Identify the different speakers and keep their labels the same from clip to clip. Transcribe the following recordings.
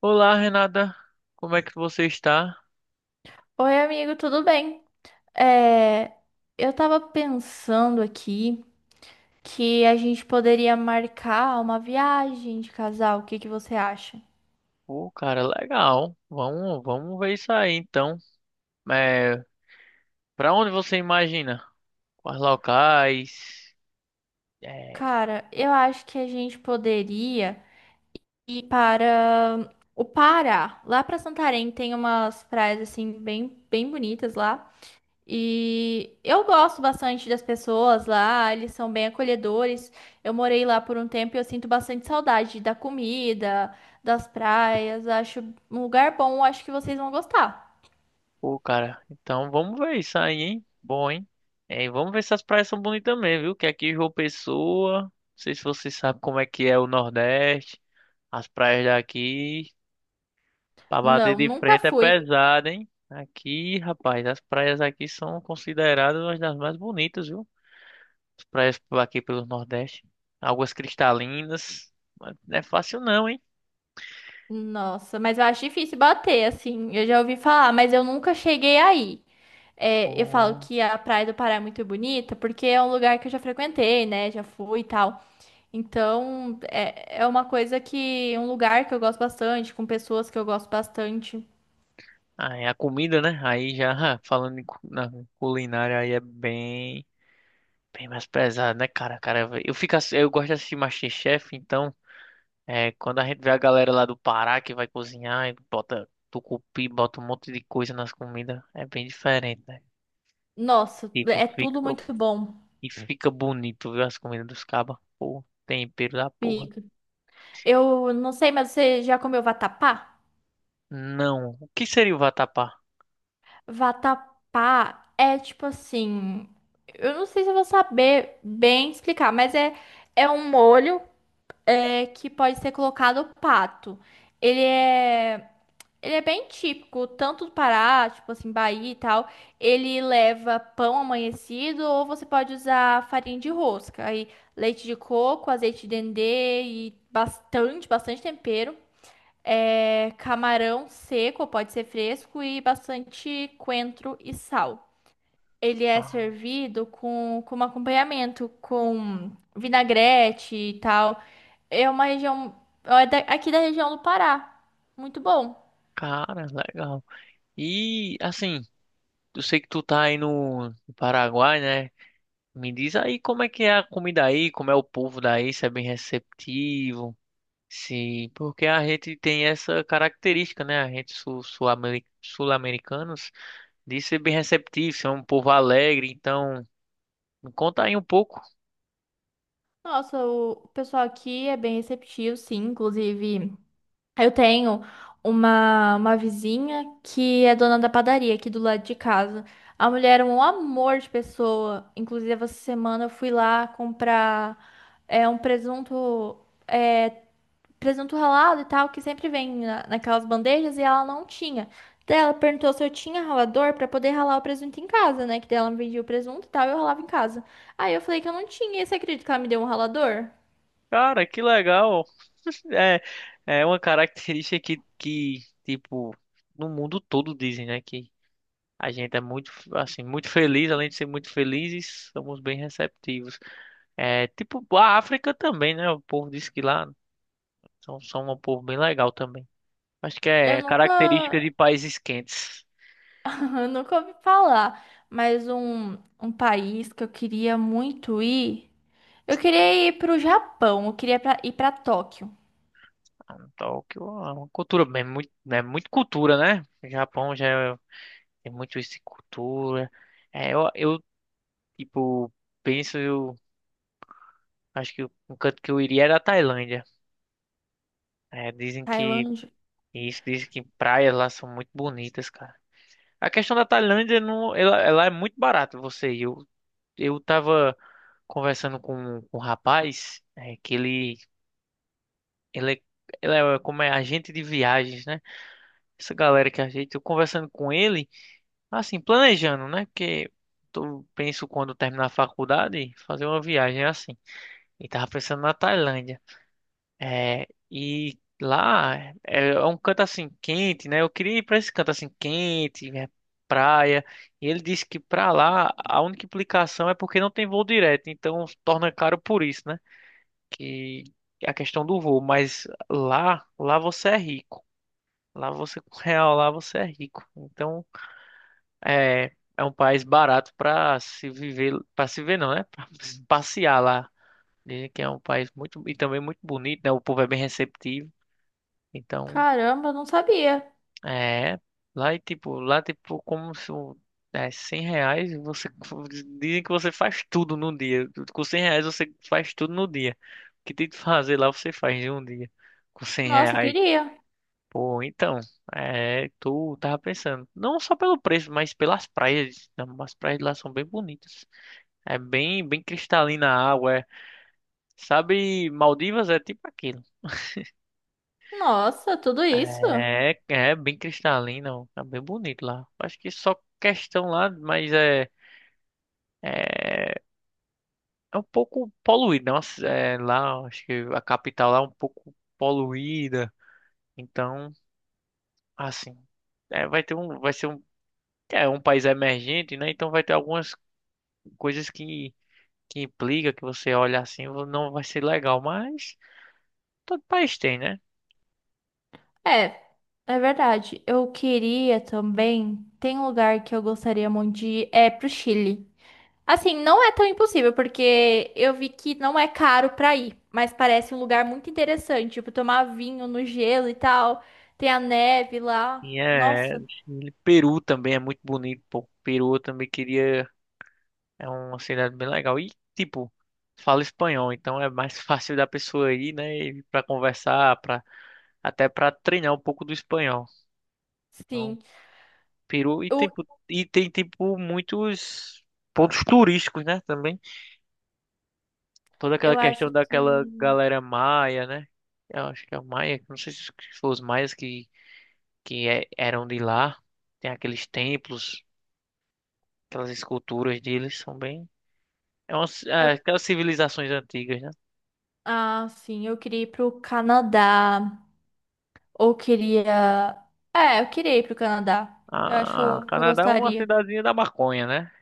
Speaker 1: Olá, Renata. Como é que você está?
Speaker 2: Oi, amigo, tudo bem? É, eu tava pensando aqui que a gente poderia marcar uma viagem de casal. O que que você acha?
Speaker 1: Pô, cara, legal. Vamos ver isso aí, então. É, Para onde você imagina? Quais locais? É,
Speaker 2: Cara, eu acho que a gente poderia ir para o Pará. Lá para Santarém tem umas praias assim bem bonitas lá. E eu gosto bastante das pessoas lá, eles são bem acolhedores. Eu morei lá por um tempo e eu sinto bastante saudade da comida, das praias. Acho um lugar bom, acho que vocês vão gostar.
Speaker 1: pô, cara. Então, vamos ver isso aí, hein? Bom, hein? E vamos ver se as praias são bonitas também, viu? Que aqui em João Pessoa, não sei se você sabe como é que é o Nordeste. As praias daqui, pra bater
Speaker 2: Não,
Speaker 1: de
Speaker 2: nunca
Speaker 1: frente é
Speaker 2: fui.
Speaker 1: pesado, hein? Aqui, rapaz, as praias aqui são consideradas uma das mais bonitas, viu? As praias por aqui pelo Nordeste. Águas cristalinas. Mas não é fácil não, hein?
Speaker 2: Nossa, mas eu acho difícil bater, assim. Eu já ouvi falar, mas eu nunca cheguei aí. É, eu falo
Speaker 1: Pô.
Speaker 2: que a Praia do Pará é muito bonita porque é um lugar que eu já frequentei, né? Já fui e tal. Então, é uma coisa que, um lugar que eu gosto bastante, com pessoas que eu gosto bastante.
Speaker 1: Ah, é a comida, né? Aí já falando na culinária aí é bem, bem mais pesado, né, cara? Cara, eu gosto de assistir MasterChef, então é quando a gente vê a galera lá do Pará que vai cozinhar e bota tucupi, bota um monte de coisa nas comidas, é bem diferente, né?
Speaker 2: Nossa,
Speaker 1: Tipo,
Speaker 2: é
Speaker 1: fica
Speaker 2: tudo muito bom.
Speaker 1: e fica bonito, viu? As comidas dos cabas. Pô, tempero da porra.
Speaker 2: Fica. Eu não sei, mas você já comeu vatapá?
Speaker 1: Não. O que seria o vatapá?
Speaker 2: Vatapá é tipo assim, eu não sei se eu vou saber bem explicar, mas é um molho é, que pode ser colocado pato. Ele é Ele é bem típico, tanto do Pará, tipo assim, Bahia e tal. Ele leva pão amanhecido ou você pode usar farinha de rosca. Aí leite de coco, azeite de dendê e bastante tempero. É, camarão seco, pode ser fresco e bastante coentro e sal. Ele é
Speaker 1: Ah,
Speaker 2: servido com, como acompanhamento, com vinagrete e tal. É uma região, aqui da região do Pará. Muito bom.
Speaker 1: cara, legal. E assim, eu sei que tu tá aí no Paraguai, né? Me diz aí como é que é a comida aí, como é o povo daí, se é bem receptivo, se porque a gente tem essa característica, né? A gente sul-americanos de ser bem receptivo, ser um povo alegre. Então, me conta aí um pouco.
Speaker 2: Nossa, o pessoal aqui é bem receptivo, sim. Inclusive, eu tenho uma vizinha que é dona da padaria aqui do lado de casa. A mulher é um amor de pessoa. Inclusive, essa semana eu fui lá comprar um presunto, é, presunto ralado e tal, que sempre vem naquelas bandejas e ela não tinha. Daí ela perguntou se eu tinha ralador pra poder ralar o presunto em casa, né? Que daí ela me vendia o presunto e tal, e eu ralava em casa. Aí eu falei que eu não tinha, e você acredita que ela me deu um ralador?
Speaker 1: Cara, que legal. É, é uma característica que, tipo, no mundo todo dizem, né? Que a gente é muito, assim, muito feliz, além de ser muito felizes, somos bem receptivos. Tipo, a África também, né? O povo diz que lá são um povo bem legal também. Acho que
Speaker 2: Eu
Speaker 1: é característica de
Speaker 2: nunca,
Speaker 1: países quentes.
Speaker 2: eu nunca ouvi falar, mas um país que eu queria muito ir. Eu queria ir pro Japão, eu queria ir pra Tóquio,
Speaker 1: Ah, Tóquio é uma cultura, é muito cultura, né? O Japão já é- tem muito isso de cultura. É, eu, eu, tipo, penso, eu acho que um canto que eu iria era a Tailândia. Dizem que,
Speaker 2: Tailândia.
Speaker 1: isso, dizem que praias lá são muito bonitas, cara. A questão da Tailândia não, ela é muito barata você ir. Eu tava conversando com um rapaz que ele é como é agente de viagens, né? Essa galera que a gente, eu conversando com ele, assim, planejando, né? Porque eu penso quando terminar a faculdade fazer uma viagem é assim. E tava pensando na Tailândia. E lá é um canto assim quente, né? Eu queria ir para esse canto assim quente, né? Praia. E ele disse que para lá a única implicação é porque não tem voo direto, então torna caro por isso, né? Que é a questão do voo, mas lá você é rico. Lá você com real, lá você é rico. Então, é um país barato para se viver, para se ver não, né? Para passear lá. Dizem que é um país muito e também muito bonito, né? O povo é bem receptivo. Então,
Speaker 2: Caramba, eu não sabia.
Speaker 1: É, lá, tipo, como se R$ 100, você dizem que você faz tudo no dia. Com R$ 100 você faz tudo no dia. O que tem que fazer lá você faz em um dia. Com 100
Speaker 2: Nossa,
Speaker 1: reais.
Speaker 2: queria.
Speaker 1: Pô, então, tu tava pensando, não só pelo preço, mas pelas praias. As praias lá são bem bonitas. É bem, bem cristalina a água. Sabe, Maldivas é tipo aquilo.
Speaker 2: Nossa, tudo isso?
Speaker 1: É bem cristalina, ó, tá bem bonito lá. Acho que só questão lá, mas é É, é um pouco poluída, nossa, é, lá, acho que a capital lá é um pouco poluída. Então, assim, vai ter um, vai ser um, é um país emergente, né? Então vai ter algumas coisas que implica que você olha assim, não vai ser legal, mas todo país tem, né?
Speaker 2: É, é verdade. Eu queria também. Tem um lugar que eu gostaria muito de ir, é pro Chile. Assim, não é tão impossível, porque eu vi que não é caro pra ir, mas parece um lugar muito interessante, tipo, tomar vinho no gelo e tal. Tem a neve lá. Nossa,
Speaker 1: Chile. Peru também é muito bonito, pô. Peru eu também queria, é uma cidade bem legal. E tipo, fala espanhol, então é mais fácil da pessoa ir, né? Para conversar, até para treinar um pouco do espanhol. Então,
Speaker 2: sim.
Speaker 1: Peru e
Speaker 2: Eu,
Speaker 1: tem tipo muitos pontos turísticos, né, também. Toda aquela
Speaker 2: eu
Speaker 1: questão
Speaker 2: acho
Speaker 1: daquela
Speaker 2: que.
Speaker 1: galera maia, né? Eu acho que é maia, não sei se foram os maias eram de lá. Tem aqueles templos, aquelas esculturas deles são bem
Speaker 2: eu-
Speaker 1: aquelas civilizações antigas, né?
Speaker 2: ah, sim, eu queria ir pro Canadá. Ou queria. É, eu queria ir pro Canadá. Eu acho
Speaker 1: Ah,
Speaker 2: que eu
Speaker 1: Canadá é uma
Speaker 2: gostaria.
Speaker 1: cidadezinha da maconha, né?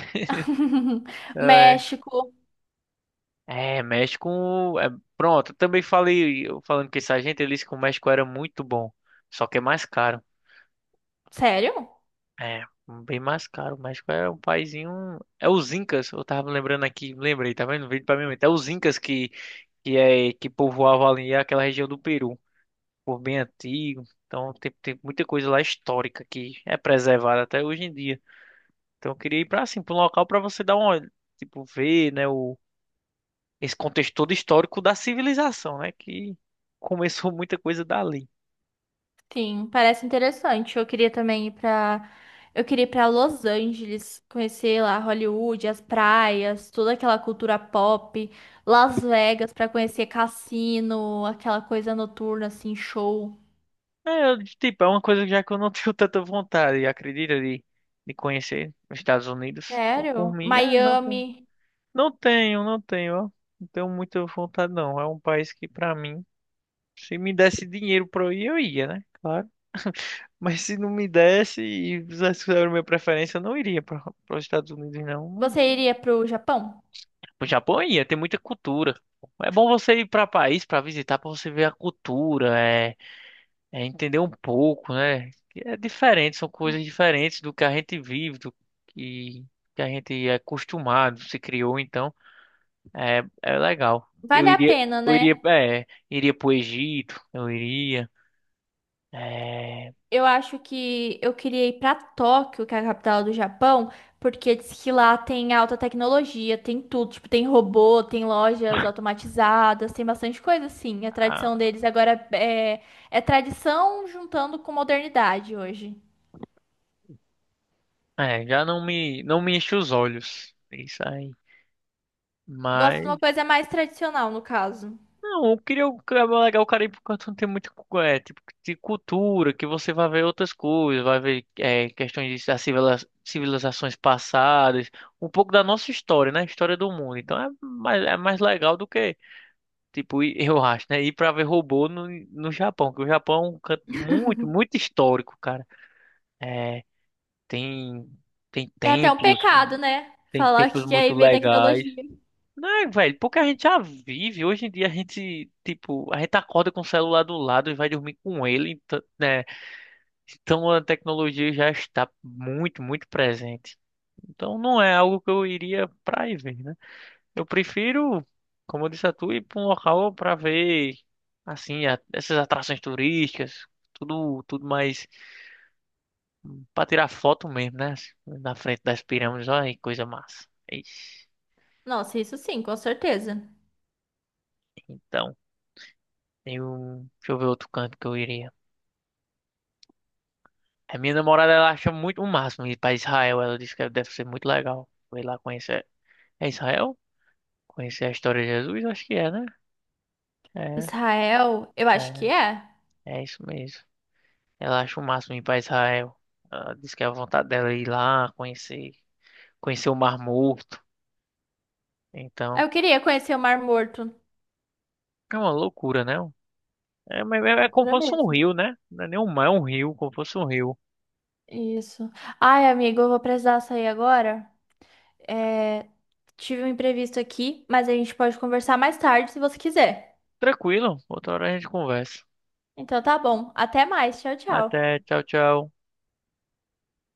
Speaker 2: México.
Speaker 1: México. É, Pronto, eu também falei, eu falando com esse agente, ele disse que o México era muito bom, só que é mais caro.
Speaker 2: Sério?
Speaker 1: É, Bem mais caro. O México é um paizinho. É os Incas, eu tava lembrando aqui, lembrei, tá vendo? Veio pra mim, é os Incas que povoavam ali aquela região do Peru, por bem antigo. Então tem, tem muita coisa lá histórica que é preservada até hoje em dia. Então eu queria ir pra assim, pra um local pra você dar uma tipo, ver, né? Esse contexto todo histórico da civilização, né? Que começou muita coisa dali.
Speaker 2: Sim, parece interessante. Eu queria também ir pra. Eu queria ir pra Los Angeles, conhecer lá Hollywood, as praias, toda aquela cultura pop, Las Vegas pra conhecer cassino, aquela coisa noturna assim, show.
Speaker 1: Tipo, é uma coisa já que eu não tenho tanta vontade, acredita, de conhecer os Estados Unidos. Por
Speaker 2: Sério?
Speaker 1: mim, não tenho,
Speaker 2: Miami.
Speaker 1: não tenho, não tenho, ó. Não tenho muita vontade, não. É um país que, pra mim, se me desse dinheiro pra eu ir, eu ia, né? Claro. Mas se não me desse e fizesse era a minha preferência, eu não iria para os Estados Unidos, não.
Speaker 2: Você iria pro Japão?
Speaker 1: O Japão ia ter muita cultura. É bom você ir para país para visitar, para você ver a cultura, é entender um pouco, né? Que é diferente, são coisas diferentes do que a gente vive, do que, que a gente é acostumado, se criou, então é legal. Eu
Speaker 2: Vale a
Speaker 1: iria,
Speaker 2: pena,
Speaker 1: eu iria,
Speaker 2: né?
Speaker 1: é, iria pro Egito, eu iria. É,
Speaker 2: Eu acho que eu queria ir pra Tóquio, que é a capital do Japão, porque diz que lá tem alta tecnologia, tem tudo, tipo, tem robô, tem lojas automatizadas, tem bastante coisa assim. A
Speaker 1: a-
Speaker 2: tradição deles agora é tradição juntando com modernidade hoje.
Speaker 1: já não me, enche os olhos, isso aí.
Speaker 2: Gosto de uma
Speaker 1: Mas
Speaker 2: coisa mais tradicional, no caso.
Speaker 1: não, eu queria o que é legal o Caribe porque não tem muito tipo de cultura, que você vai ver outras coisas, vai ver questões das civilizações passadas, um pouco da nossa história, né? História do mundo. Então é mais legal do que, tipo, eu acho, né? Ir pra ver robô no Japão, que o Japão é um canto muito, muito histórico, cara. É, tem, tem
Speaker 2: É até um
Speaker 1: templos,
Speaker 2: pecado, né?
Speaker 1: tem
Speaker 2: Falar
Speaker 1: templos
Speaker 2: que quer
Speaker 1: muito
Speaker 2: ir ver
Speaker 1: legais.
Speaker 2: tecnologia.
Speaker 1: Não, velho, pouca gente já vive. Hoje em dia a gente, tipo, a gente acorda com o celular do lado e vai dormir com ele, então, né? Então a tecnologia já está muito, muito presente. Então não é algo que eu iria pra ir ver, né? Eu prefiro, como eu disse a tu, ir pra um local pra ver, assim, essas atrações turísticas, tudo, tudo mais pra tirar foto mesmo, né? Na frente das pirâmides, olha que coisa massa. Ixi.
Speaker 2: Nossa, isso sim, com certeza.
Speaker 1: Então, eu, deixa eu ver outro canto que eu iria. A minha namorada, ela acha muito o máximo ir pra Israel. Ela disse que deve ser muito legal ir lá conhecer. É Israel? Conhecer a história de Jesus? Acho que é, né? É,
Speaker 2: Israel, eu acho que
Speaker 1: é,
Speaker 2: é.
Speaker 1: é isso mesmo. Ela acha o máximo ir pra Israel. Ela diz que é a vontade dela é ir lá, conhecer, conhecer o Mar Morto. Então,
Speaker 2: Eu queria conhecer o Mar Morto.
Speaker 1: é uma loucura, né? É, mas é como
Speaker 2: Loucura
Speaker 1: fosse um
Speaker 2: mesmo.
Speaker 1: rio, né? Não é nem um mar, é um rio, como fosse um rio.
Speaker 2: Isso. Ai, amigo, eu vou precisar sair agora. É, tive um imprevisto aqui, mas a gente pode conversar mais tarde se você quiser.
Speaker 1: Tranquilo, outra hora a gente conversa.
Speaker 2: Então tá bom. Até mais. Tchau, tchau.
Speaker 1: Até, tchau, tchau.